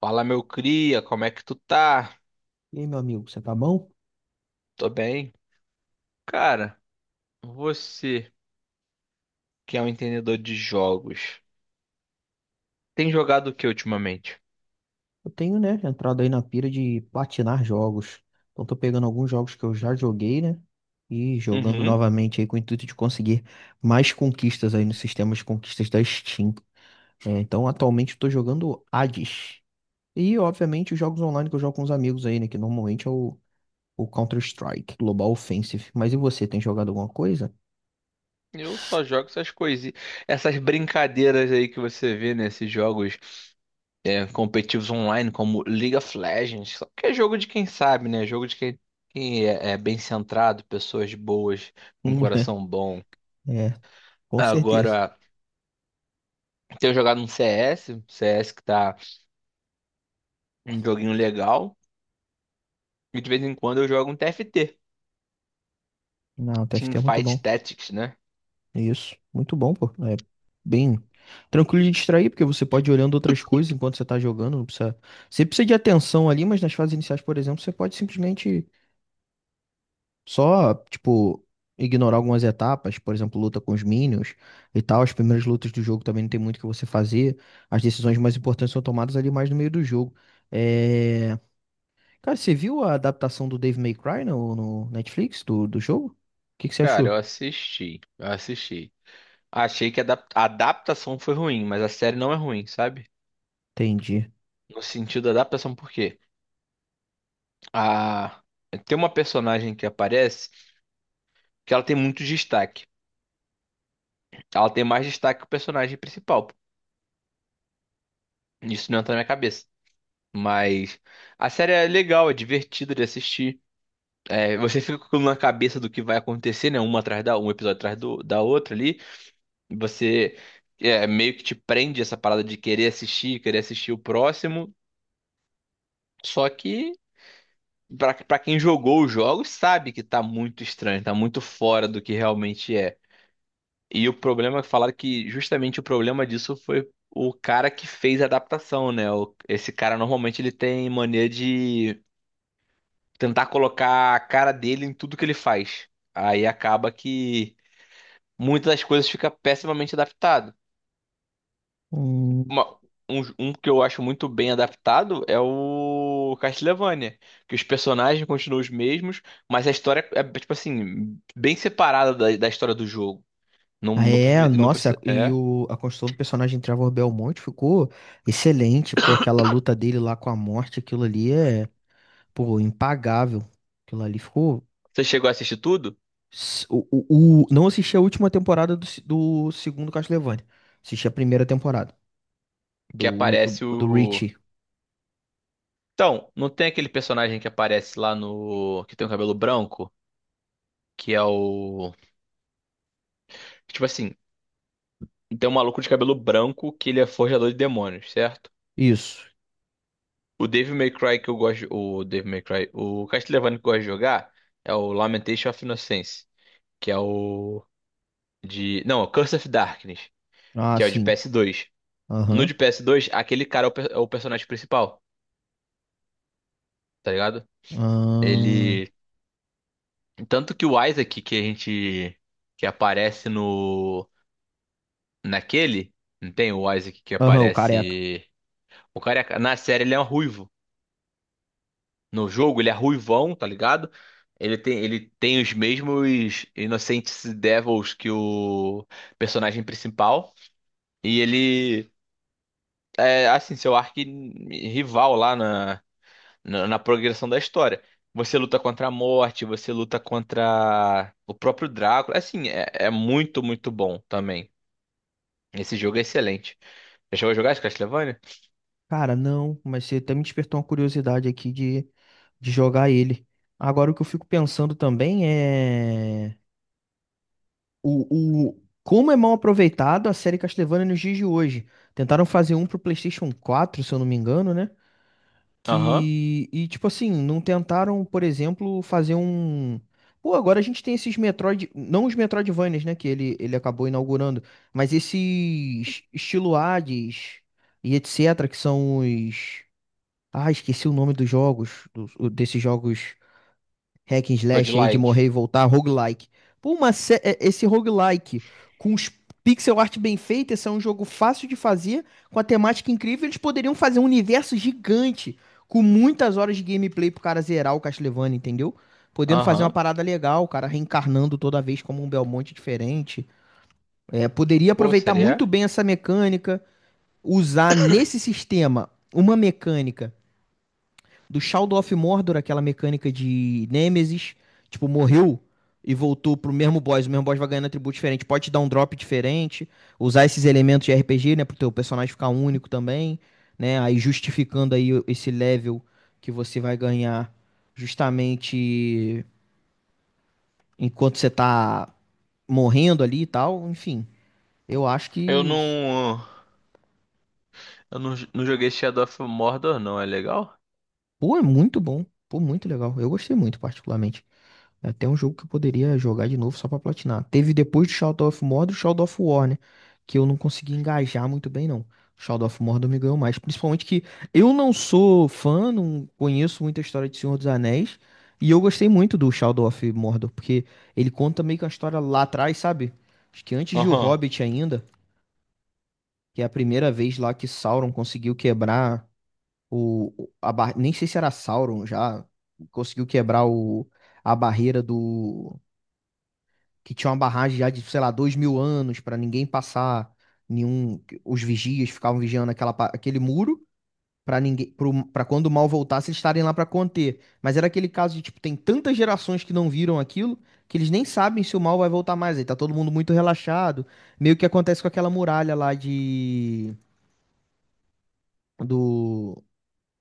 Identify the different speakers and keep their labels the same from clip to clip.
Speaker 1: Fala, meu cria, como é que tu tá?
Speaker 2: E aí, meu amigo, você tá bom?
Speaker 1: Tô bem. Cara, você que é um entendedor de jogos, tem jogado o que ultimamente?
Speaker 2: Eu tenho, né, entrado aí na pira de platinar jogos. Então, tô pegando alguns jogos que eu já joguei, né? E jogando
Speaker 1: Uhum.
Speaker 2: novamente aí com o intuito de conseguir mais conquistas aí no sistema de conquistas da Steam. É, então, atualmente, eu tô jogando Hades. E, obviamente, os jogos online que eu jogo com os amigos aí, né? Que normalmente é o Counter-Strike, Global Offensive. Mas e você, tem jogado alguma coisa?
Speaker 1: Eu só jogo essas coisinhas, essas brincadeiras aí que você vê nesses jogos competitivos online, como League of Legends, só que é jogo de quem sabe, né? Jogo de quem, quem é, é bem centrado, pessoas boas, com coração bom.
Speaker 2: É, com certeza.
Speaker 1: Agora, tenho jogado um CS, CS que tá um joguinho legal. E de vez em quando eu jogo um TFT,
Speaker 2: Não, o TFT é muito
Speaker 1: Teamfight
Speaker 2: bom.
Speaker 1: Tactics, né?
Speaker 2: Isso, muito bom, pô. É bem tranquilo de distrair, porque você pode ir olhando outras coisas enquanto você tá jogando, não precisa. Você precisa de atenção ali, mas nas fases iniciais, por exemplo, você pode simplesmente só, tipo, ignorar algumas etapas, por exemplo, luta com os minions e tal. As primeiras lutas do jogo também não tem muito o que você fazer. As decisões mais importantes são tomadas ali mais no meio do jogo. É... Cara, você viu a adaptação do Dave May Cry no Netflix do jogo? O que que você
Speaker 1: Cara, eu
Speaker 2: achou?
Speaker 1: assisti, eu assisti. Achei que a a adaptação foi ruim, mas a série não é ruim, sabe?
Speaker 2: Entendi.
Speaker 1: No sentido da adaptação, por quê? A... Tem uma personagem que aparece que ela tem muito destaque. Ela tem mais destaque que o personagem principal. Isso não entra na minha cabeça. Mas a série é legal, é divertida de assistir. É, você fica com aquilo na cabeça do que vai acontecer, né? Uma atrás da Um episódio atrás da outra ali. Você Meio que te prende essa parada de querer assistir o próximo. Só que, pra quem jogou os jogos, sabe que tá muito estranho, tá muito fora do que realmente é. E o problema, falaram que justamente o problema disso foi o cara que fez a adaptação, né? Esse cara normalmente ele tem mania de tentar colocar a cara dele em tudo que ele faz. Aí acaba que muitas das coisas fica pessimamente adaptadas. uma- um que eu acho muito bem adaptado é o Castlevania, que os personagens continuam os mesmos, mas a história é tipo assim, bem separada da história do jogo. Não, não,
Speaker 2: É,
Speaker 1: prefi- não,
Speaker 2: nossa,
Speaker 1: preci-
Speaker 2: e
Speaker 1: é.
Speaker 2: a construção do personagem Trevor Belmont ficou excelente, pô, aquela luta dele lá com a morte, aquilo ali é, pô, impagável. Aquilo ali ficou.
Speaker 1: Você chegou a assistir tudo?
Speaker 2: Não assisti a última temporada do, do segundo Castlevania, assisti a primeira temporada
Speaker 1: Que
Speaker 2: do,
Speaker 1: aparece
Speaker 2: do
Speaker 1: o.
Speaker 2: Richie.
Speaker 1: Então, não tem aquele personagem que aparece lá no. Que tem o cabelo branco? Que é o. Tipo assim, tem um maluco de cabelo branco que ele é forjador de demônios, certo?
Speaker 2: Isso,
Speaker 1: O Devil May Cry que eu gosto. O Devil May Cry. O Castlevania que eu gosto de jogar é o Lamentation of Innocence. Que é o. De. Não, Curse of Darkness.
Speaker 2: ah,
Speaker 1: Que é o de
Speaker 2: sim,
Speaker 1: PS2. No
Speaker 2: aham,
Speaker 1: de PS2, aquele cara é o personagem principal. Tá ligado?
Speaker 2: aham,
Speaker 1: Ele. Tanto que o Isaac que a gente. Que aparece no. Naquele. Não tem o Isaac que
Speaker 2: aham, o careca.
Speaker 1: aparece. Na série ele é um ruivo. No jogo, ele é ruivão, tá ligado? Ele tem os mesmos Innocent Devils que o personagem principal. E ele é, assim, seu arqui-rival lá na progressão da história. Você luta contra a morte, você luta contra o próprio Drácula. Assim, muito, muito bom também. Esse jogo é excelente. Já chegou a jogar esse Castlevania?
Speaker 2: Cara, não, mas você até me despertou uma curiosidade aqui de jogar ele. Agora, o que eu fico pensando também é o como é mal aproveitado a série Castlevania nos dias de hoje. Tentaram fazer um pro PlayStation 4 se eu não me engano, né?
Speaker 1: Aham.
Speaker 2: Que, e tipo assim, não tentaram, por exemplo, fazer um. Pô, agora a gente tem esses Metroid. Não os Metroidvanias, né? Que ele acabou inaugurando, mas esses estilo Hades e etc., que são os. Ah, esqueci o nome dos jogos, desses jogos hack and slash aí de morrer
Speaker 1: Roguelike.
Speaker 2: e voltar, roguelike. Pô, esse roguelike com os pixel art bem feita, esse é um jogo fácil de fazer, com a temática incrível, eles poderiam fazer um universo gigante, com muitas horas de gameplay pro cara zerar o Castlevania, entendeu? Podendo fazer uma
Speaker 1: Aham.
Speaker 2: parada legal, o cara reencarnando toda vez como um Belmonte diferente. É, poderia
Speaker 1: Pô,
Speaker 2: aproveitar muito
Speaker 1: seria?
Speaker 2: bem essa mecânica, usar nesse sistema uma mecânica do Shadow of Mordor, aquela mecânica de Nemesis, tipo, morreu e voltou pro mesmo boss, o mesmo boss vai ganhando atributo diferente, pode te dar um drop diferente, usar esses elementos de RPG, né, pro teu personagem ficar único também, né, aí justificando aí esse level que você vai ganhar justamente enquanto você tá morrendo ali e tal, enfim, eu acho
Speaker 1: Eu
Speaker 2: que,
Speaker 1: não. Eu não, não joguei Shadow of Mordor, não. É legal?
Speaker 2: pô, é muito bom, pô, muito legal, eu gostei muito particularmente. É até um jogo que eu poderia jogar de novo só pra platinar. Teve depois do Shadow of Mordor, o Shadow of War, né? Que eu não consegui engajar muito bem, não. O Shadow of Mordor me ganhou mais. Principalmente que eu não sou fã, não conheço muita história de Senhor dos Anéis. E eu gostei muito do Shadow of Mordor, porque ele conta meio que uma história lá atrás, sabe? Acho que antes de O
Speaker 1: Aham.
Speaker 2: Hobbit ainda, que é a primeira vez lá que Sauron conseguiu quebrar a Nem sei se era Sauron já, conseguiu quebrar a barreira do que tinha uma barragem já de, sei lá, dois mil anos para ninguém passar, nenhum, os vigias ficavam vigiando aquela, aquele muro para ninguém, para quando o mal voltasse eles estarem lá para conter. Mas era aquele caso de tipo tem tantas gerações que não viram aquilo que eles nem sabem se o mal vai voltar mais. Aí tá todo mundo muito relaxado, meio que acontece com aquela muralha lá de do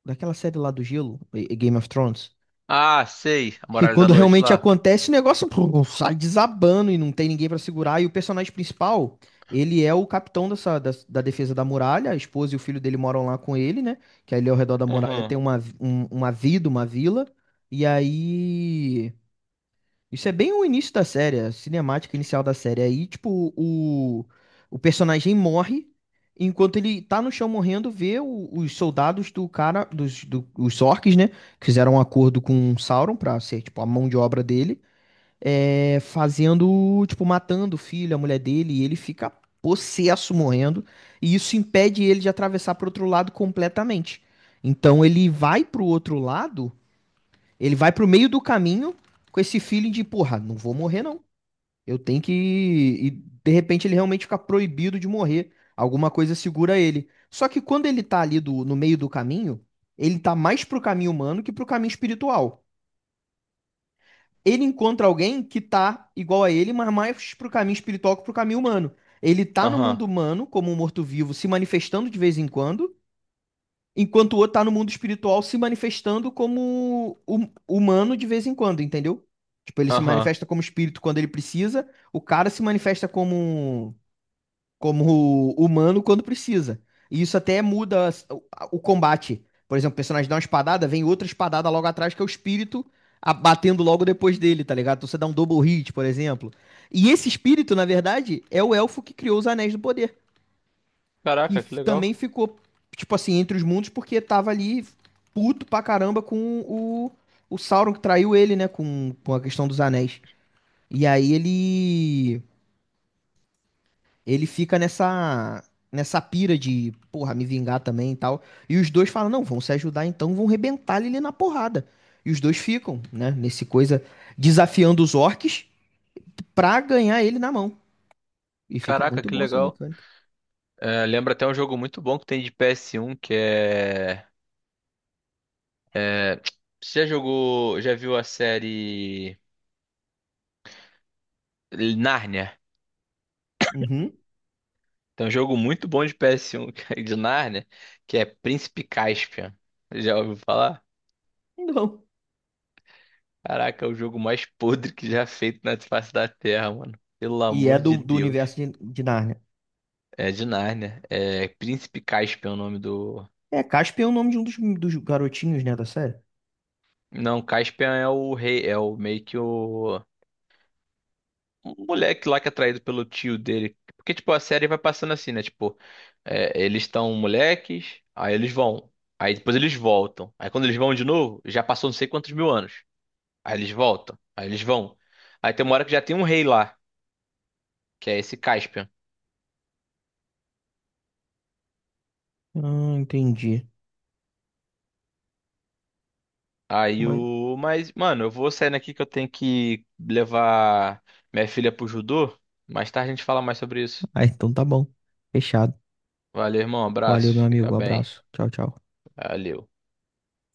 Speaker 2: daquela série lá do gelo, e Game of Thrones.
Speaker 1: Ah, sei. A
Speaker 2: E
Speaker 1: Muralha da
Speaker 2: quando
Speaker 1: Noite
Speaker 2: realmente
Speaker 1: lá.
Speaker 2: acontece, o negócio pô, sai desabando e não tem ninguém pra segurar. E o personagem principal, ele é o capitão dessa, da defesa da muralha. A esposa e o filho dele moram lá com ele, né? Que ali ao redor da muralha
Speaker 1: Aham.
Speaker 2: tem uma vida, uma vila. E aí isso é bem o início da série, a cinemática inicial da série. Aí, tipo, o personagem morre, enquanto ele tá no chão morrendo, vê os soldados do cara, os orcs, né? Que fizeram um acordo com o Sauron pra ser, tipo, a mão de obra dele, é, fazendo, tipo, matando o filho, a mulher dele, e ele fica possesso morrendo, e isso impede ele de atravessar pro outro lado completamente. Então ele vai pro outro lado ele vai pro meio do caminho com esse feeling de, porra, não vou morrer não. Eu tenho que. E de repente ele realmente fica proibido de morrer. Alguma coisa segura ele. Só que quando ele tá ali no meio do caminho, ele tá mais pro caminho humano que pro caminho espiritual. Ele encontra alguém que tá igual a ele, mas mais pro caminho espiritual que pro caminho humano. Ele tá no
Speaker 1: Aham.
Speaker 2: mundo humano, como um morto-vivo, se manifestando de vez em quando, enquanto o outro tá no mundo espiritual se manifestando como humano de vez em quando, entendeu? Tipo, ele se
Speaker 1: Aham.
Speaker 2: manifesta como espírito quando ele precisa, o cara se manifesta como, como humano quando precisa. E isso até muda o combate. Por exemplo, o personagem dá uma espadada, vem outra espadada logo atrás, que é o espírito batendo logo depois dele, tá ligado? Então você dá um double hit, por exemplo. E esse espírito, na verdade, é o elfo que criou os Anéis do Poder que
Speaker 1: Caraca, que legal.
Speaker 2: também ficou, tipo assim, entre os mundos, porque tava ali puto pra caramba com o Sauron que traiu ele, né? Com a questão dos anéis. E aí ele. Ele fica nessa. Nessa pira de, porra, me vingar também e tal. E os dois falam, não, vão se ajudar então, vão rebentar ele ali na porrada. E os dois ficam, né? Nesse coisa, desafiando os orcs pra ganhar ele na mão. E fica
Speaker 1: Caraca,
Speaker 2: muito
Speaker 1: que
Speaker 2: bom essa
Speaker 1: legal.
Speaker 2: mecânica.
Speaker 1: É, lembra até um jogo muito bom que tem de PS1 que é. Você já jogou. Já viu a série Nárnia?
Speaker 2: Uhum.
Speaker 1: Tem um jogo muito bom de PS1 que é de Nárnia que é Príncipe Caspian. Já ouviu falar?
Speaker 2: Não.
Speaker 1: Caraca, é o jogo mais podre que já feito na face da Terra, mano. Pelo
Speaker 2: E é
Speaker 1: amor de
Speaker 2: do, do
Speaker 1: Deus.
Speaker 2: universo de Nárnia.
Speaker 1: É de Nárnia. É Príncipe Caspian é o nome do.
Speaker 2: É, Casper é o nome de um dos, dos garotinhos, né, da série?
Speaker 1: Não, Caspian é o rei, é o meio que o. Um moleque lá que é traído pelo tio dele. Porque, tipo, a série vai passando assim, né? Tipo, é, eles estão moleques, aí eles vão. Aí depois eles voltam. Aí quando eles vão de novo, já passou não sei quantos mil anos. Aí eles voltam. Aí eles vão. Aí tem uma hora que já tem um rei lá, que é esse Caspian.
Speaker 2: Ah, entendi.
Speaker 1: Aí
Speaker 2: Mas...
Speaker 1: o. Mas, mano, eu vou saindo aqui que eu tenho que levar minha filha pro judô. Mais tarde a gente fala mais sobre isso.
Speaker 2: Ah, então tá bom. Fechado.
Speaker 1: Valeu, irmão.
Speaker 2: Valeu, meu
Speaker 1: Abraço. Fica
Speaker 2: amigo.
Speaker 1: bem.
Speaker 2: Abraço. Tchau, tchau.
Speaker 1: Valeu.